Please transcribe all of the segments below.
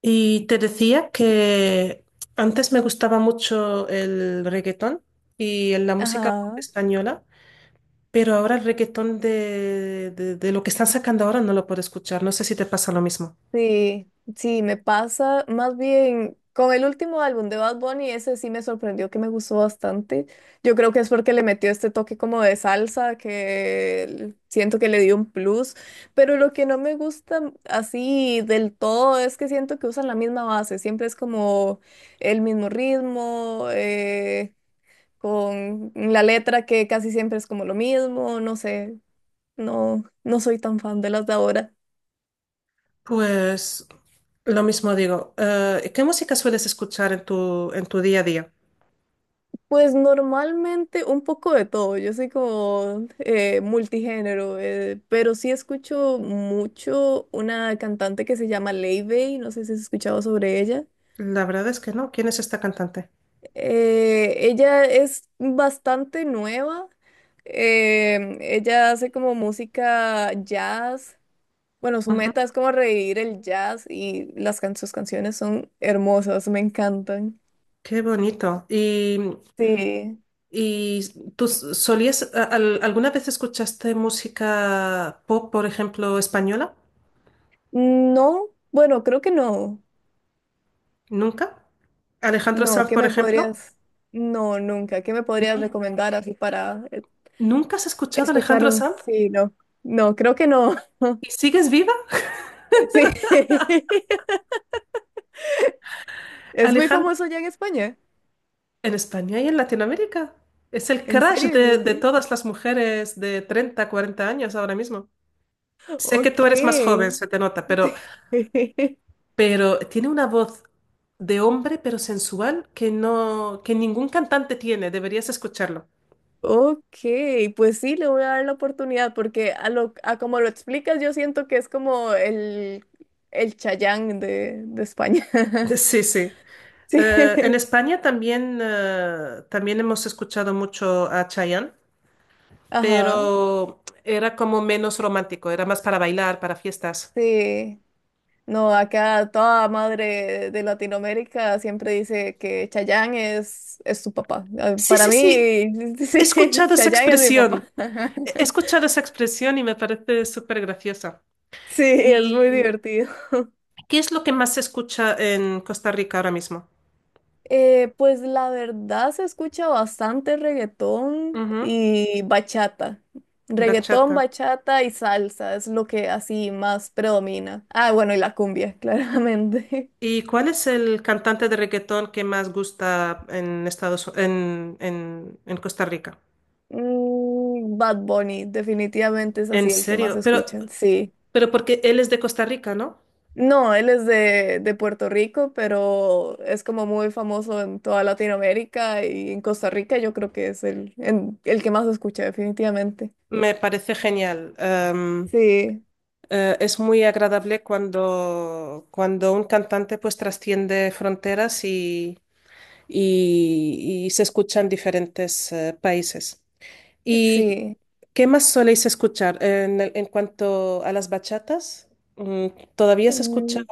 Y te decía que antes me gustaba mucho el reggaetón y la música pop Ajá, española, pero ahora el reggaetón de lo que están sacando ahora no lo puedo escuchar. No sé si te pasa lo mismo. sí, sí, me pasa más bien con el último álbum de Bad Bunny, ese sí me sorprendió que me gustó bastante. Yo creo que es porque le metió este toque como de salsa que siento que le dio un plus, pero lo que no me gusta así del todo es que siento que usan la misma base, siempre es como el mismo ritmo, con la letra que casi siempre es como lo mismo, no sé, no, no soy tan fan de las de ahora. Pues lo mismo digo. ¿Qué música sueles escuchar en tu día a día? Pues normalmente un poco de todo, yo soy como multigénero, pero sí escucho mucho una cantante que se llama Leivey, no sé si has escuchado sobre ella. La verdad es que no. ¿Quién es esta cantante? Ella es bastante nueva, ella hace como música jazz, bueno, su Ujú. meta es como revivir el jazz y sus canciones son hermosas, me encantan. Qué bonito. ¿Y, Sí, y tú alguna vez escuchaste música pop, por ejemplo, española? no, bueno, creo que no. ¿Nunca? ¿Alejandro No, Sanz, ¿qué por me ejemplo? podrías? No, nunca. ¿Qué me podrías ¿Nun- recomendar así para ¿Nunca has escuchado a escuchar Alejandro un... Sanz? Sí, no. No, creo que no. ¿Y sigues viva? Sí. Es muy Alejandro, famoso ya en España. en España y en Latinoamérica. Es el ¿En crush serio? de, de todas las mujeres de 30, 40 años ahora mismo. Sé que tú Ok. eres más joven, se te nota, pero tiene una voz de hombre, pero sensual, que no, que ningún cantante tiene. Deberías escucharlo. Ok, pues sí, le voy a dar la oportunidad porque a como lo explicas, yo siento que es como el Chayán de España. Sí, sí. Sí. En España también, también hemos escuchado mucho a Chayanne. Ajá. Pero era como menos romántico, era más para bailar, para fiestas. Sí. No, acá toda madre de Latinoamérica siempre dice que Chayanne es su papá. Ah, Sí, para sí, sí, mí, he sí, escuchado esa Chayanne es mi papá. expresión, he escuchado esa expresión y me parece súper graciosa. Sí, es muy ¿Y divertido. qué es lo que más se escucha en Costa Rica ahora mismo? Pues la verdad se escucha bastante reggaetón Ujú. y bachata. Reggaetón, Bachata. bachata y salsa es lo que así más predomina. Ah, bueno, y la cumbia, claramente. ¿Y cuál es el cantante de reggaetón que más gusta en en Costa Rica? Mm, Bad Bunny, definitivamente es En así el que más serio, escuchan, sí. pero porque él es de Costa Rica, ¿no? No, él es de Puerto Rico, pero es como muy famoso en toda Latinoamérica y en Costa Rica yo creo que es el que más se escucha definitivamente. Me parece genial. Sí, Es muy agradable cuando, cuando un cantante pues trasciende fronteras y, y se escucha en diferentes países. ¿Y sí, qué más soléis escuchar? En cuanto a las bachatas, mm, ¿todavía se escucha mm,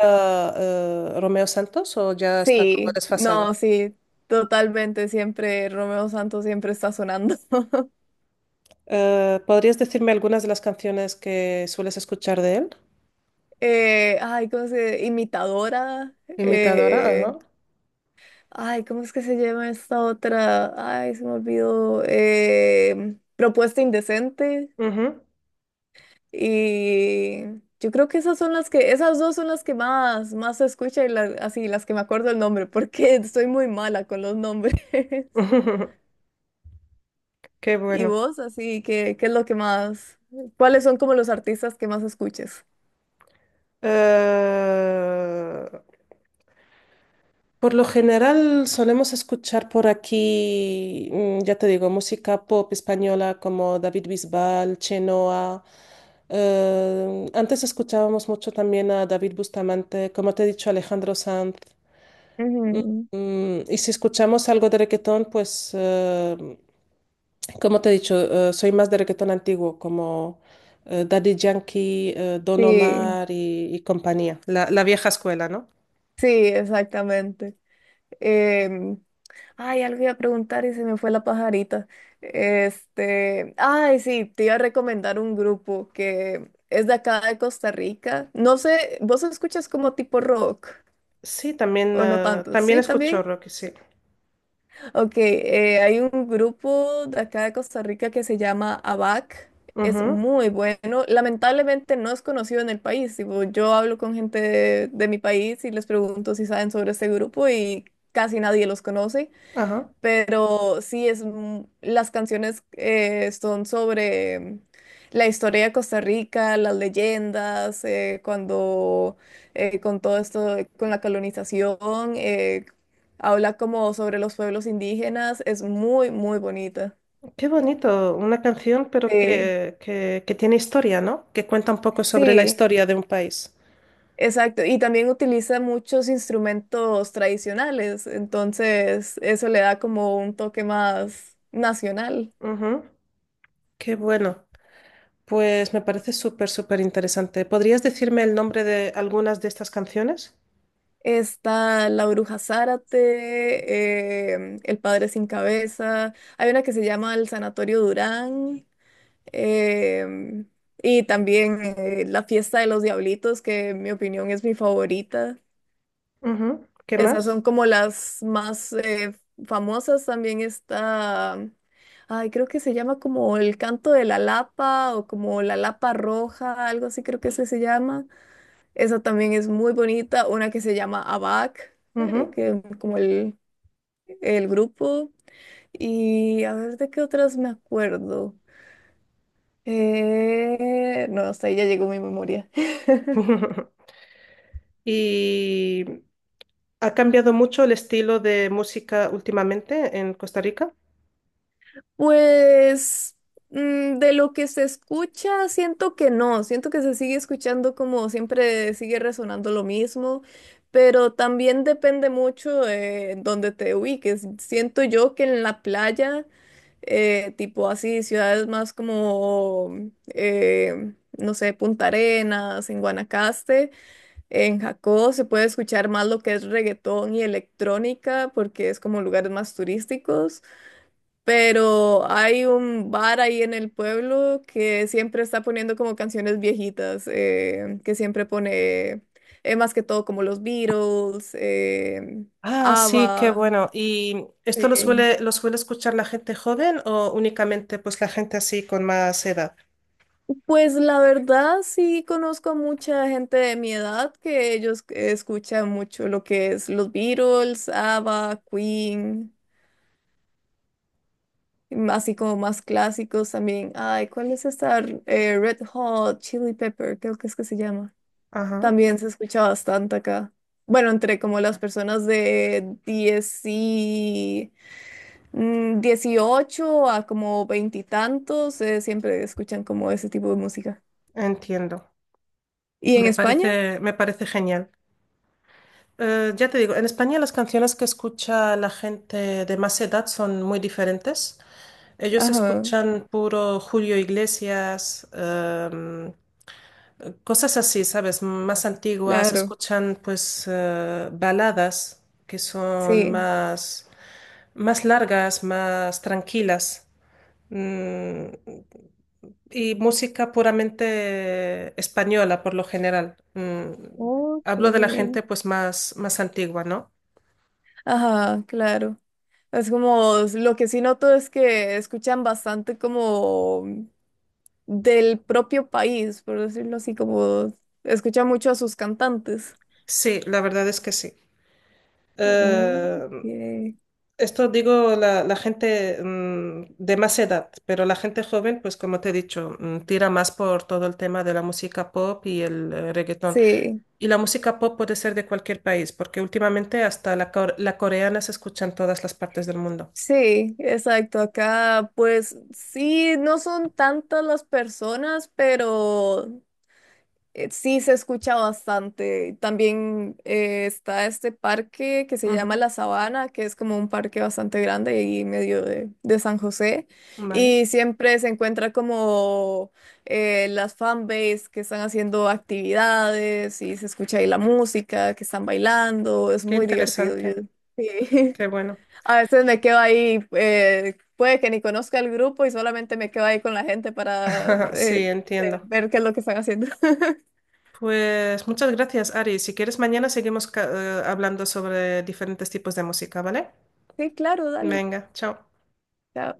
Romeo Santos o ya está como sí, desfasado? no, sí, totalmente, siempre Romeo Santos siempre está sonando. ¿Podrías decirme algunas de las canciones que sueles escuchar de él? Ay, ¿cómo se dice? Imitadora. Imitadora, eh, ajá. Ay, ¿cómo es que se llama esta otra? Ay, se me olvidó. Propuesta indecente. Ujú. Y yo creo que esas son esas dos son las que más se escucha y así, las que me acuerdo el nombre, porque estoy muy mala con los nombres. Qué ¿Y bueno. vos, así, qué, qué es lo que más, cuáles son como los artistas que más escuches? Eh, por lo general solemos escuchar por aquí, ya te digo, música pop española como David Bisbal, Chenoa. Antes escuchábamos mucho también a David Bustamante, como te he dicho, Alejandro Sanz. Ujú. Y si escuchamos algo de reggaetón, pues, como te he dicho, soy más de reggaetón antiguo, como Daddy Yankee, Don Sí, Omar y compañía, la vieja escuela, ¿no? sí, exactamente. Em, Ay, algo iba a preguntar y se me fue la pajarita. Ay, sí, te iba a recomendar un grupo que es de acá de Costa Rica. No sé, ¿vos escuchas como tipo rock Sí, también, o no ah, tanto? también Sí, escucho también. rock, sí. Ok, hay un grupo de acá de Costa Rica que se llama ABAC. Es Ujú. muy bueno. Lamentablemente no es conocido en el país. Tipo, yo hablo con gente de mi país y les pregunto si saben sobre este grupo y casi nadie los conoce. Ajá. Pero sí, las canciones son sobre la historia de Costa Rica, las leyendas, cuando con todo esto, con la colonización, habla como sobre los pueblos indígenas, es muy, muy bonita. Qué bonito, una canción, pero Sí, que tiene historia, ¿no? Que cuenta un poco sobre la sí, historia de un país. exacto. Y también utiliza muchos instrumentos tradicionales, entonces eso le da como un toque más nacional. Ujú. Qué bueno. Pues me parece súper, súper interesante. ¿Podrías decirme el nombre de algunas de estas canciones? Está La Bruja Zárate, El Padre Sin Cabeza. Hay una que se llama El Sanatorio Durán. em, y también La Fiesta de los Diablitos, que en mi opinión es mi favorita. Ujú. ¿Qué Esas más? son como las más famosas. También está, ay, creo que se llama como El Canto de la Lapa o como La Lapa Roja, algo así creo que ese se llama. Esa también es muy bonita, una que se llama ABAC, Ujú. que como el grupo. Y a ver de qué otras me acuerdo. No, hasta ahí ya llegó mi memoria. Y ¿ha cambiado mucho el estilo de música últimamente en Costa Rica? Pues de lo que se escucha, siento que no, siento que se sigue escuchando como siempre sigue resonando lo mismo, pero también depende mucho de donde te ubiques. Siento yo que en la playa tipo así, ciudades más como, no sé, Punta Arenas, en Guanacaste, en Jacó se puede escuchar más lo que es reggaetón y electrónica porque es como lugares más turísticos, pero hay un bar ahí en el pueblo que siempre está poniendo como canciones viejitas, que siempre pone más que todo como los Beatles, Ah, sí, qué ABBA. bueno. ¿Y esto Sí. Lo suele escuchar la gente joven o únicamente pues la gente así con más edad? Pues la verdad sí conozco a mucha gente de mi edad que ellos escuchan mucho lo que es los Beatles, ABBA, Queen, así como más clásicos también. Ay, ¿cuál es esta? Red Hot, Chili Pepper, creo que es que se llama. Ajá, También se escucha bastante acá. Bueno, entre como las personas de 10 y 18 a como veintitantos, siempre escuchan como ese tipo de música. entiendo. ¿Y en España? Me parece genial. Ya te digo, en España las canciones que escucha la gente de más edad son muy diferentes. Ellos Ajá. escuchan puro Julio Iglesias, cosas así, ¿sabes? Más antiguas, Claro, escuchan pues baladas que son sí. más, más largas, más tranquilas. Mm, y música puramente española por lo general. Ok. Hablo de la gente pues más, más antigua, ¿no? Ajá, claro. Es como, lo que sí noto es que escuchan bastante como del propio país, por decirlo así, como escuchan mucho a sus cantantes. Sí, la verdad es que sí. Ok. Eh, Esto digo la gente de más edad, pero la gente joven, pues como te he dicho, tira más por todo el tema de la música pop y el reggaetón. Sí, Y la música pop puede ser de cualquier país, porque últimamente hasta la coreana se escucha en todas las partes del mundo. sí, exacto. Acá, pues sí, no son tantas las personas, pero sí, se escucha bastante. También está este parque que se llama Ujú. La Sabana, que es como un parque bastante grande y medio de San José. Vale, Y siempre se encuentra como las fanbase que están haciendo actividades y se escucha ahí la música, que están bailando. Es qué muy divertido. Yo, interesante, sí. qué bueno. A veces me quedo ahí, puede que ni conozca el grupo y solamente me quedo ahí con la gente para Sí, entiendo. ver qué es lo que están haciendo. Pues muchas gracias, Ari. Si quieres, mañana seguimos hablando sobre diferentes tipos de música, ¿vale? Sí, claro, dale. Venga, chao. Ya,